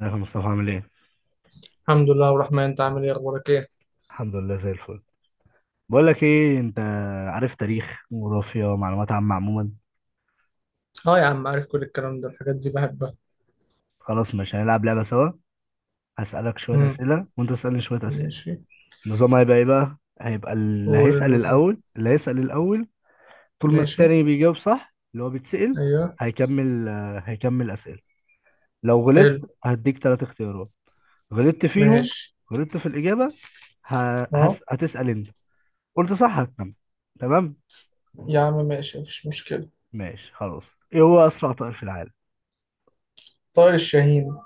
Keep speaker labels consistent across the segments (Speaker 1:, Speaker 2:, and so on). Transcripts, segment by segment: Speaker 1: ازيك يا مصطفى؟ عامل ايه؟
Speaker 2: الحمد لله والرحمن، انت عامل ايه؟ اخبارك ايه؟
Speaker 1: الحمد لله زي الفل. بقول لك ايه، انت عارف تاريخ، جغرافيا، معلومات عامة عموما؟
Speaker 2: اه يا عم عارف، كل الكلام ده الحاجات دي بحبها.
Speaker 1: خلاص مش هنلعب لعبة سوا. هسألك شوية
Speaker 2: امم
Speaker 1: أسئلة وانت تسألني شوية أسئلة.
Speaker 2: ماشي.
Speaker 1: النظام هيبقى ايه بقى؟ هيبقى اللي
Speaker 2: قول
Speaker 1: هيسأل
Speaker 2: النظام.
Speaker 1: الأول اللي هيسأل الأول، طول ما
Speaker 2: ماشي.
Speaker 1: التاني بيجاوب صح اللي هو بيتسأل
Speaker 2: ايوه.
Speaker 1: هيكمل، هيكمل أسئلة. لو غلطت
Speaker 2: حلو.
Speaker 1: هديك ثلاث اختيارات، غلطت فيهم،
Speaker 2: ماشي.
Speaker 1: غلطت في الإجابة،
Speaker 2: اه.
Speaker 1: هتسأل انت. قلت صح هتكمل. تمام؟
Speaker 2: يا عم ماشي مفيش مشكلة.
Speaker 1: ماشي خلاص. ايه هو أسرع طائر في العالم؟
Speaker 2: طائر الشاهين.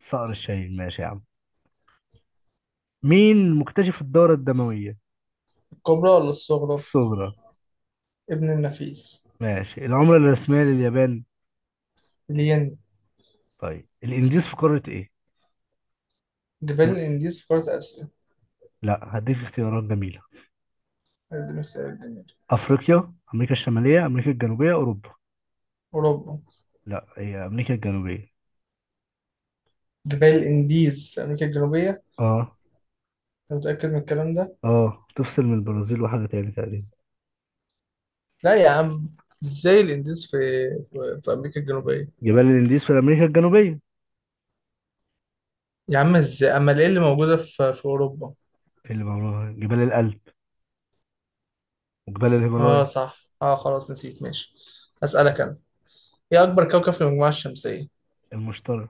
Speaker 1: صقر الشاهين، ماشي يا عم. مين مكتشف الدورة الدموية
Speaker 2: الكبرى ولا الصغرى؟
Speaker 1: الصغرى؟
Speaker 2: ابن النفيس.
Speaker 1: ماشي. العملة الرسمية لليابان؟
Speaker 2: الين.
Speaker 1: طيب الإنديز في قارة إيه؟
Speaker 2: جبال
Speaker 1: تب-
Speaker 2: الانديز في قارة اسيا.
Speaker 1: لا، هديك اختيارات جميلة:
Speaker 2: هذه اختيار الجميل.
Speaker 1: أفريقيا، أمريكا الشمالية، أمريكا الجنوبية، أوروبا.
Speaker 2: اوروبا.
Speaker 1: لا، هي أمريكا الجنوبية.
Speaker 2: جبال الانديز في امريكا الجنوبية.
Speaker 1: أه.
Speaker 2: انت متأكد من الكلام ده؟
Speaker 1: أه تفصل من البرازيل وحاجة تاني تقريبا.
Speaker 2: لا يا عم، ازاي الانديز في في امريكا الجنوبية؟
Speaker 1: جبال الإنديز في أمريكا الجنوبية.
Speaker 2: يا عم ازاي؟ امال ايه اللي موجودة في اوروبا؟
Speaker 1: اللي بقولها جبال الألب وجبال
Speaker 2: اه
Speaker 1: الهيمالايا.
Speaker 2: صح، اه خلاص نسيت. ماشي اسالك انا. ايه اكبر كوكب في المجموعه الشمسيه؟
Speaker 1: المشترك.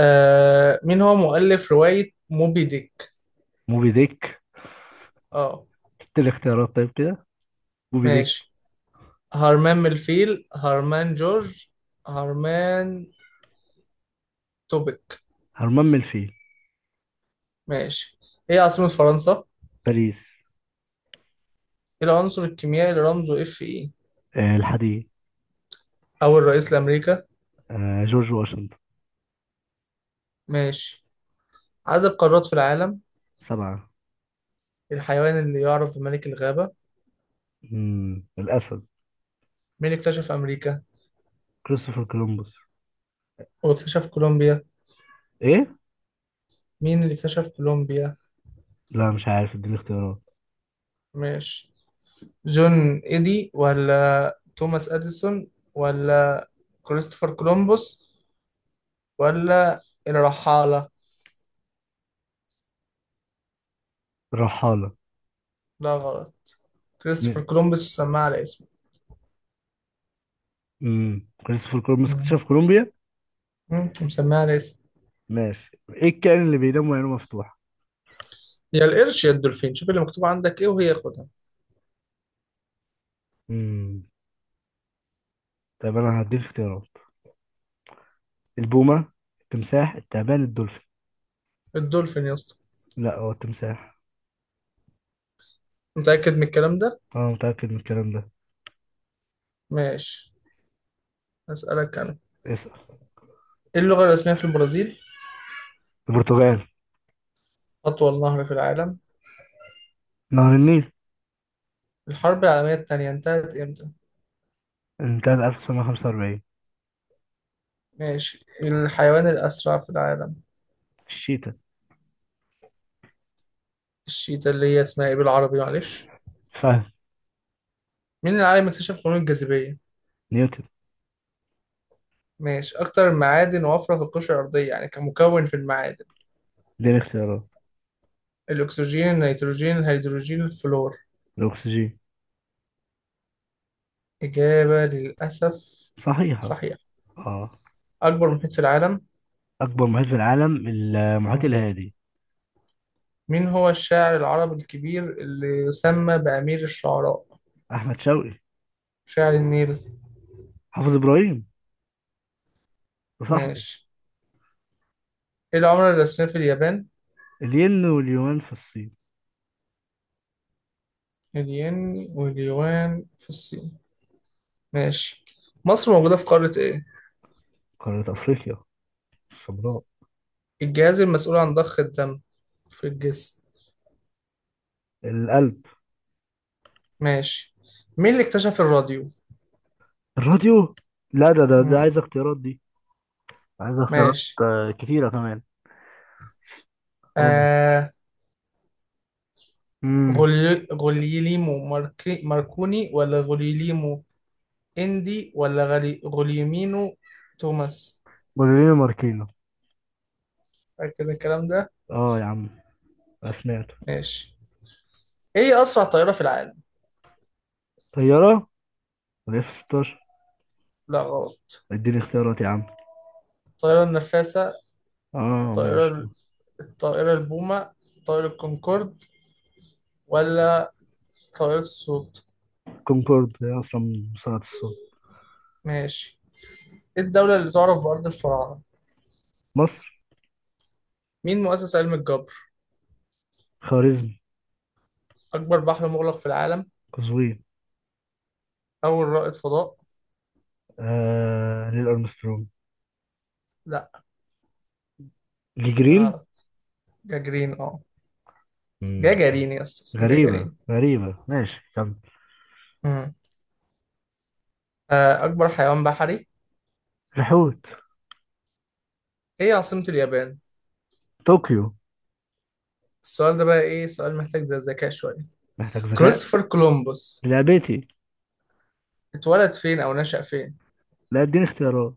Speaker 2: آه، مين هو مؤلف روايه موبي ديك؟
Speaker 1: موبي ديك.
Speaker 2: اه
Speaker 1: تلت الاختيارات طيب كده. موبي ديك.
Speaker 2: ماشي. هرمان ملفيل، هرمان جورج، هرمان توبك.
Speaker 1: هرمان من الفيل.
Speaker 2: ماشي. ايه عاصمه فرنسا؟
Speaker 1: باريس.
Speaker 2: ايه العنصر الكيميائي اللي رمزه اف اي؟
Speaker 1: آه، الحديد.
Speaker 2: اول رئيس لامريكا؟
Speaker 1: آه، جورج واشنطن.
Speaker 2: ماشي. عدد قارات في العالم؟
Speaker 1: سبعة.
Speaker 2: الحيوان اللي يعرف بملك الغابه؟
Speaker 1: مم. الأسد.
Speaker 2: مين اكتشف امريكا؟
Speaker 1: كريستوفر كولومبوس.
Speaker 2: واكتشف كولومبيا؟
Speaker 1: إيه؟
Speaker 2: مين اللي اكتشف كولومبيا؟
Speaker 1: لا مش عارف، اديني اختيارات.
Speaker 2: ماشي، جون إيدي ولا توماس أديسون ولا كريستوفر كولومبوس ولا الرحالة؟
Speaker 1: الرحالة.
Speaker 2: لا غلط، كريستوفر
Speaker 1: مين؟
Speaker 2: كولومبوس مسماه على اسمه.
Speaker 1: مم. كريستوفر كولومبوس
Speaker 2: مم.
Speaker 1: اكتشف كولومبيا.
Speaker 2: مم، مسماه على اسمه.
Speaker 1: ماشي. إيه الكائن اللي بينام وعينه مفتوحة؟
Speaker 2: يا القرش يا الدولفين، شوف اللي مكتوب عندك ايه وهي خدها.
Speaker 1: مم. طيب أنا هديك اختيارات: البومة، التمساح، التعبان، الدولفين.
Speaker 2: الدولفين يا اسطى.
Speaker 1: لا، هو التمساح.
Speaker 2: متأكد من الكلام ده؟
Speaker 1: أنا متأكد من الكلام ده.
Speaker 2: ماشي أسألك أنا.
Speaker 1: اسأل.
Speaker 2: ايه اللغة الرسمية في البرازيل؟
Speaker 1: البرتغال.
Speaker 2: أطول نهر في العالم؟
Speaker 1: نهر النيل.
Speaker 2: الحرب العالمية التانية انتهت امتى؟
Speaker 1: انتهى 1945.
Speaker 2: ماشي. الحيوان الأسرع في العالم؟
Speaker 1: الشيتا.
Speaker 2: الشيتا اللي هي اسمها ايه بالعربي معلش؟
Speaker 1: فهد.
Speaker 2: مين العالم اللي اكتشف قانون الجاذبية؟
Speaker 1: نيوتن.
Speaker 2: ماشي. أكتر المعادن وفرة في القشرة الأرضية، يعني كمكون في المعادن؟
Speaker 1: اديني اختيارات.
Speaker 2: الأكسجين، النيتروجين، الهيدروجين، الفلور.
Speaker 1: الأكسجين.
Speaker 2: إجابة للأسف
Speaker 1: صحيحة.
Speaker 2: صحيح.
Speaker 1: اه.
Speaker 2: أكبر محيط في العالم؟
Speaker 1: اكبر محيط في العالم المحيط
Speaker 2: مم.
Speaker 1: الهادي.
Speaker 2: مين هو الشاعر العربي الكبير اللي يسمى بأمير الشعراء؟
Speaker 1: احمد شوقي.
Speaker 2: شاعر النيل.
Speaker 1: حافظ ابراهيم وصاحبي.
Speaker 2: ماشي. إيه العملة الرسمية في اليابان؟
Speaker 1: الين، واليونان في الصين.
Speaker 2: الين واليوان في الصين. ماشي. مصر موجودة في قارة إيه؟
Speaker 1: قارة افريقيا السمراء.
Speaker 2: الجهاز المسؤول عن ضخ الدم في الجسم؟
Speaker 1: القلب.
Speaker 2: ماشي. مين اللي اكتشف الراديو؟
Speaker 1: الراديو. لا، ده
Speaker 2: مم.
Speaker 1: عايز اختيارات دي. عايز اختيارات
Speaker 2: ماشي.
Speaker 1: آه، كتيرة كمان. اه.
Speaker 2: آه
Speaker 1: امم.
Speaker 2: غوليليمو ماركي ماركوني، ولا غوليليمو اندي، ولا غلي غوليمينو، توماس؟
Speaker 1: بولينو ماركينو.
Speaker 2: فاكر الكلام ده؟
Speaker 1: اه يا عم، أنا سمعته.
Speaker 2: ماشي. ايه أسرع طائرة في العالم؟
Speaker 1: طيارة، ولا اف 16.
Speaker 2: لا غلط.
Speaker 1: اديني اختيارات يا عم.
Speaker 2: الطائرة النفاثة،
Speaker 1: اه ماشي.
Speaker 2: الطائرة، الطائرة البومة، طائرة الكونكورد، ولا طائرة الصوت؟
Speaker 1: كونكورد هي اصلا من صناعة الصوت.
Speaker 2: ماشي. ايه الدولة اللي تعرف بأرض الفراعنة؟
Speaker 1: مصر.
Speaker 2: مين مؤسس علم الجبر؟
Speaker 1: خوارزمي.
Speaker 2: أكبر بحر مغلق في العالم؟
Speaker 1: قزوين.
Speaker 2: أول رائد فضاء؟
Speaker 1: آه، نيل ارمسترونج.
Speaker 2: لا
Speaker 1: دي جرين.
Speaker 2: أعرف. جاجرين، أه
Speaker 1: امم.
Speaker 2: جاجرين يا اسطى اسمه
Speaker 1: غريبة
Speaker 2: جاجرين.
Speaker 1: غريبة، ماشي كمل.
Speaker 2: مم. آه، أكبر حيوان بحري.
Speaker 1: الحوت.
Speaker 2: إيه عاصمة اليابان؟
Speaker 1: طوكيو.
Speaker 2: السؤال ده بقى إيه، سؤال محتاج ده ذكاء شوية.
Speaker 1: محتاج ذكاء.
Speaker 2: كريستوفر كولومبوس
Speaker 1: لعبتي.
Speaker 2: اتولد فين أو نشأ فين؟
Speaker 1: لا، اديني اختيارات.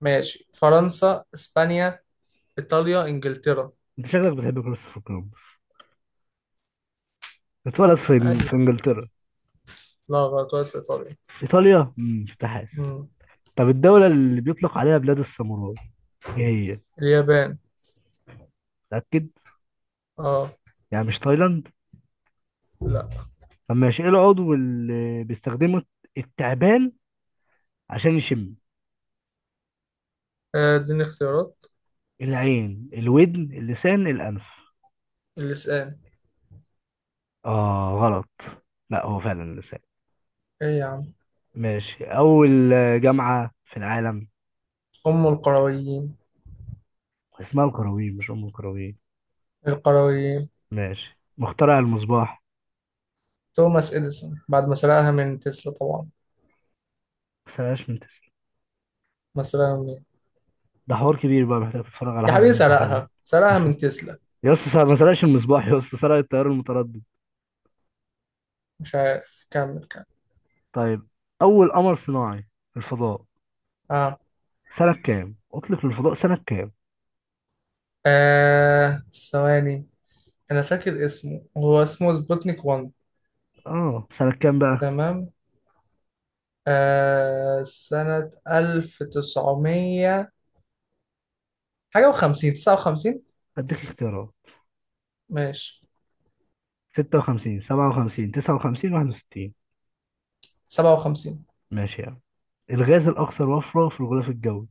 Speaker 2: ماشي، فرنسا، إسبانيا، إيطاليا، إنجلترا.
Speaker 1: انت شكلك بتحب كريستوفر كولومبس. اتولد في في
Speaker 2: عادي.
Speaker 1: انجلترا.
Speaker 2: لا غلط، اتولد في إيطاليا.
Speaker 1: ايطاليا، امم، مش حاسس.
Speaker 2: مم.
Speaker 1: طب الدولة اللي بيطلق عليها بلاد الساموراي ايه هي؟
Speaker 2: اليابان.
Speaker 1: متأكد؟
Speaker 2: أه.
Speaker 1: يعني مش تايلاند؟
Speaker 2: لا.
Speaker 1: طب ماشي، ايه العضو اللي بيستخدمه التعبان عشان يشم؟
Speaker 2: آه، اديني اختيارات.
Speaker 1: العين، الودن، اللسان، الأنف.
Speaker 2: اللسان.
Speaker 1: اه غلط. لا، هو فعلا اللسان.
Speaker 2: إيه يا عم؟
Speaker 1: ماشي. أول جامعة في العالم.
Speaker 2: أم القرويين.
Speaker 1: اسمها القرويين مش أم القرويين.
Speaker 2: القرويين.
Speaker 1: ماشي. مخترع المصباح.
Speaker 2: توماس إديسون، بعد ما سرقها من تسلا طبعا.
Speaker 1: ما سرقهاش من تسلا.
Speaker 2: مثلا.
Speaker 1: ده حوار كبير بقى، محتاج تتفرج على
Speaker 2: يا
Speaker 1: حلقة
Speaker 2: حبيبي،
Speaker 1: الضحية.
Speaker 2: سرقها سرقها
Speaker 1: مس-
Speaker 2: من تسلا.
Speaker 1: يا اسطى، ما سرقش المصباح يا اسطى، سرق التيار المتردد.
Speaker 2: مش عارف، كمل كمل.
Speaker 1: طيب. أول قمر صناعي في الفضاء
Speaker 2: اه.
Speaker 1: سنة كام؟ أطلق للفضاء سنة كام؟
Speaker 2: آه ثواني، انا فاكر اسمه، هو اسمه سبوتنيك 1.
Speaker 1: آه سنة كام بقى؟
Speaker 2: تمام. آه سنة 1900 حاجة وخمسين، تسعة وخمسين.
Speaker 1: أديك اختيارات:
Speaker 2: ماشي.
Speaker 1: 56، 57، 59، 61.
Speaker 2: سبعة وخمسين.
Speaker 1: ماشي يعني. الغاز الأكثر وفرة في الغلاف الجوي.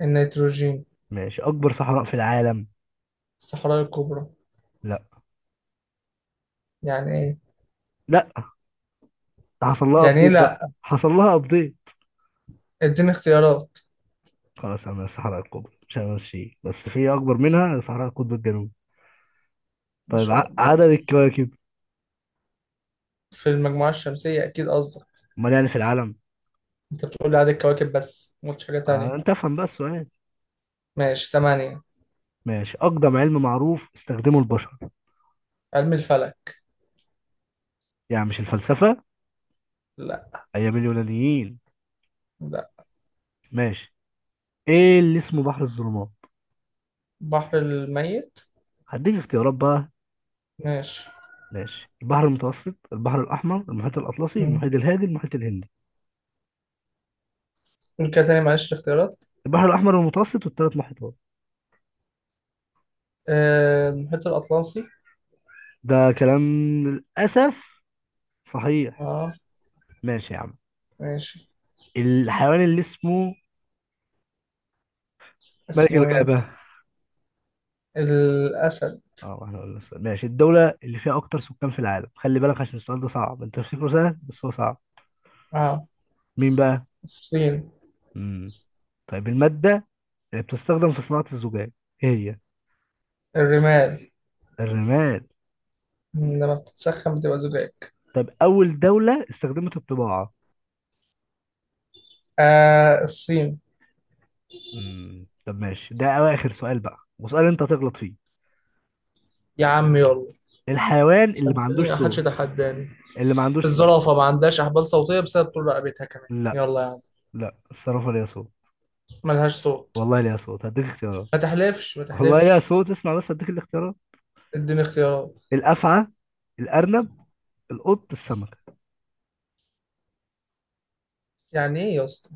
Speaker 2: النيتروجين.
Speaker 1: ماشي. أكبر صحراء في العالم.
Speaker 2: الصحراء الكبرى.
Speaker 1: لا.
Speaker 2: يعني ايه؟
Speaker 1: لا، حصل لها
Speaker 2: يعني ايه
Speaker 1: ابديت بقى،
Speaker 2: لا؟
Speaker 1: حصل لها ابديت.
Speaker 2: اديني اختيارات.
Speaker 1: خلاص انا الصحراء القطب، مش هنمشي، بس في اكبر منها صحراء القطب الجنوبي.
Speaker 2: ان
Speaker 1: طيب
Speaker 2: شاء الله.
Speaker 1: عدد الكواكب.
Speaker 2: في المجموعة الشمسية اكيد قصدك؟
Speaker 1: امال يعني في العالم؟
Speaker 2: انت بتقول لي عدد الكواكب بس ما قلتش حاجة
Speaker 1: آه انت
Speaker 2: تانية.
Speaker 1: افهم بقى السؤال.
Speaker 2: ماشي، تمانية.
Speaker 1: ماشي. اقدم علم معروف استخدمه البشر.
Speaker 2: علم الفلك.
Speaker 1: يعني مش الفلسفه،
Speaker 2: لا.
Speaker 1: ايام اليونانيين. ماشي. ايه اللي اسمه بحر الظلمات؟
Speaker 2: بحر الميت.
Speaker 1: هديك اختيارات بقى.
Speaker 2: ماشي.
Speaker 1: ماشي: البحر المتوسط، البحر الاحمر، المحيط الاطلسي، المحيط
Speaker 2: مم.
Speaker 1: الهادي، المحيط الهندي.
Speaker 2: قول كده تاني معلش الاختيارات.
Speaker 1: البحر الاحمر، المتوسط، والثلاث محيطات.
Speaker 2: آه، المحيط الأطلسي.
Speaker 1: ده كلام. للاسف صحيح.
Speaker 2: اه.
Speaker 1: ماشي يا عم.
Speaker 2: ماشي.
Speaker 1: الحيوان اللي اسمه ملك
Speaker 2: اسمه
Speaker 1: الغابة.
Speaker 2: ايه؟ الأسد.
Speaker 1: اه، واحنا قلنا السؤال. ماشي. الدولة اللي فيها أكتر سكان في العالم، خلي بالك عشان السؤال ده صعب، أنت تفتكره سهل بس هو صعب.
Speaker 2: اه.
Speaker 1: مين بقى؟
Speaker 2: الصين.
Speaker 1: مم. طيب المادة اللي بتستخدم في صناعة الزجاج، إيه هي؟
Speaker 2: الرمال.
Speaker 1: الرمال.
Speaker 2: مم، لما بتتسخن بتبقى زجاج.
Speaker 1: طب أول دولة استخدمت الطباعة.
Speaker 2: آه الصين.
Speaker 1: مم. طب ماشي، ده آخر سؤال بقى، وسؤال أنت هتغلط فيه.
Speaker 2: يا عم يلا.
Speaker 1: الحيوان اللي ما
Speaker 2: خدني،
Speaker 1: عندوش
Speaker 2: ما حدش
Speaker 1: صوت.
Speaker 2: يتحداني.
Speaker 1: اللي ما عندوش صوت.
Speaker 2: الزرافة ما عندهاش أحبال صوتية بسبب طول رقبتها كمان،
Speaker 1: لا.
Speaker 2: يلا يا عم.
Speaker 1: لا، الصرافة ليها صوت.
Speaker 2: ملهاش صوت.
Speaker 1: والله ليها صوت، هديك اختيارات.
Speaker 2: ما تحلفش ما
Speaker 1: والله ليها
Speaker 2: تحلفش.
Speaker 1: صوت، اسمع بس هديك الاختيارات:
Speaker 2: اديني اختيارات.
Speaker 1: الافعى، الارنب، القط، السمكه.
Speaker 2: يعني ايه يا اسطى؟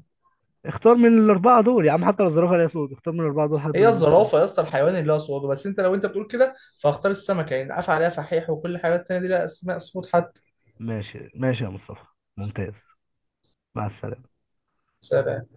Speaker 1: اختار من الاربعه دول يا عم، حتى لو الزرافه ليها صوت اختار من الاربعه دول حد
Speaker 2: هي
Speaker 1: ما لوش صوت.
Speaker 2: الزرافه يا اسطى الحيوان اللي له صوابع، بس انت لو انت بتقول كده فاختار السمكه، يعني عفى عليها فحيح وكل الحيوانات التانيه دي لها اسماء صوت حتى.
Speaker 1: ماشي ماشي يا مصطفى. ممتاز. مع السلامه.
Speaker 2: سابع.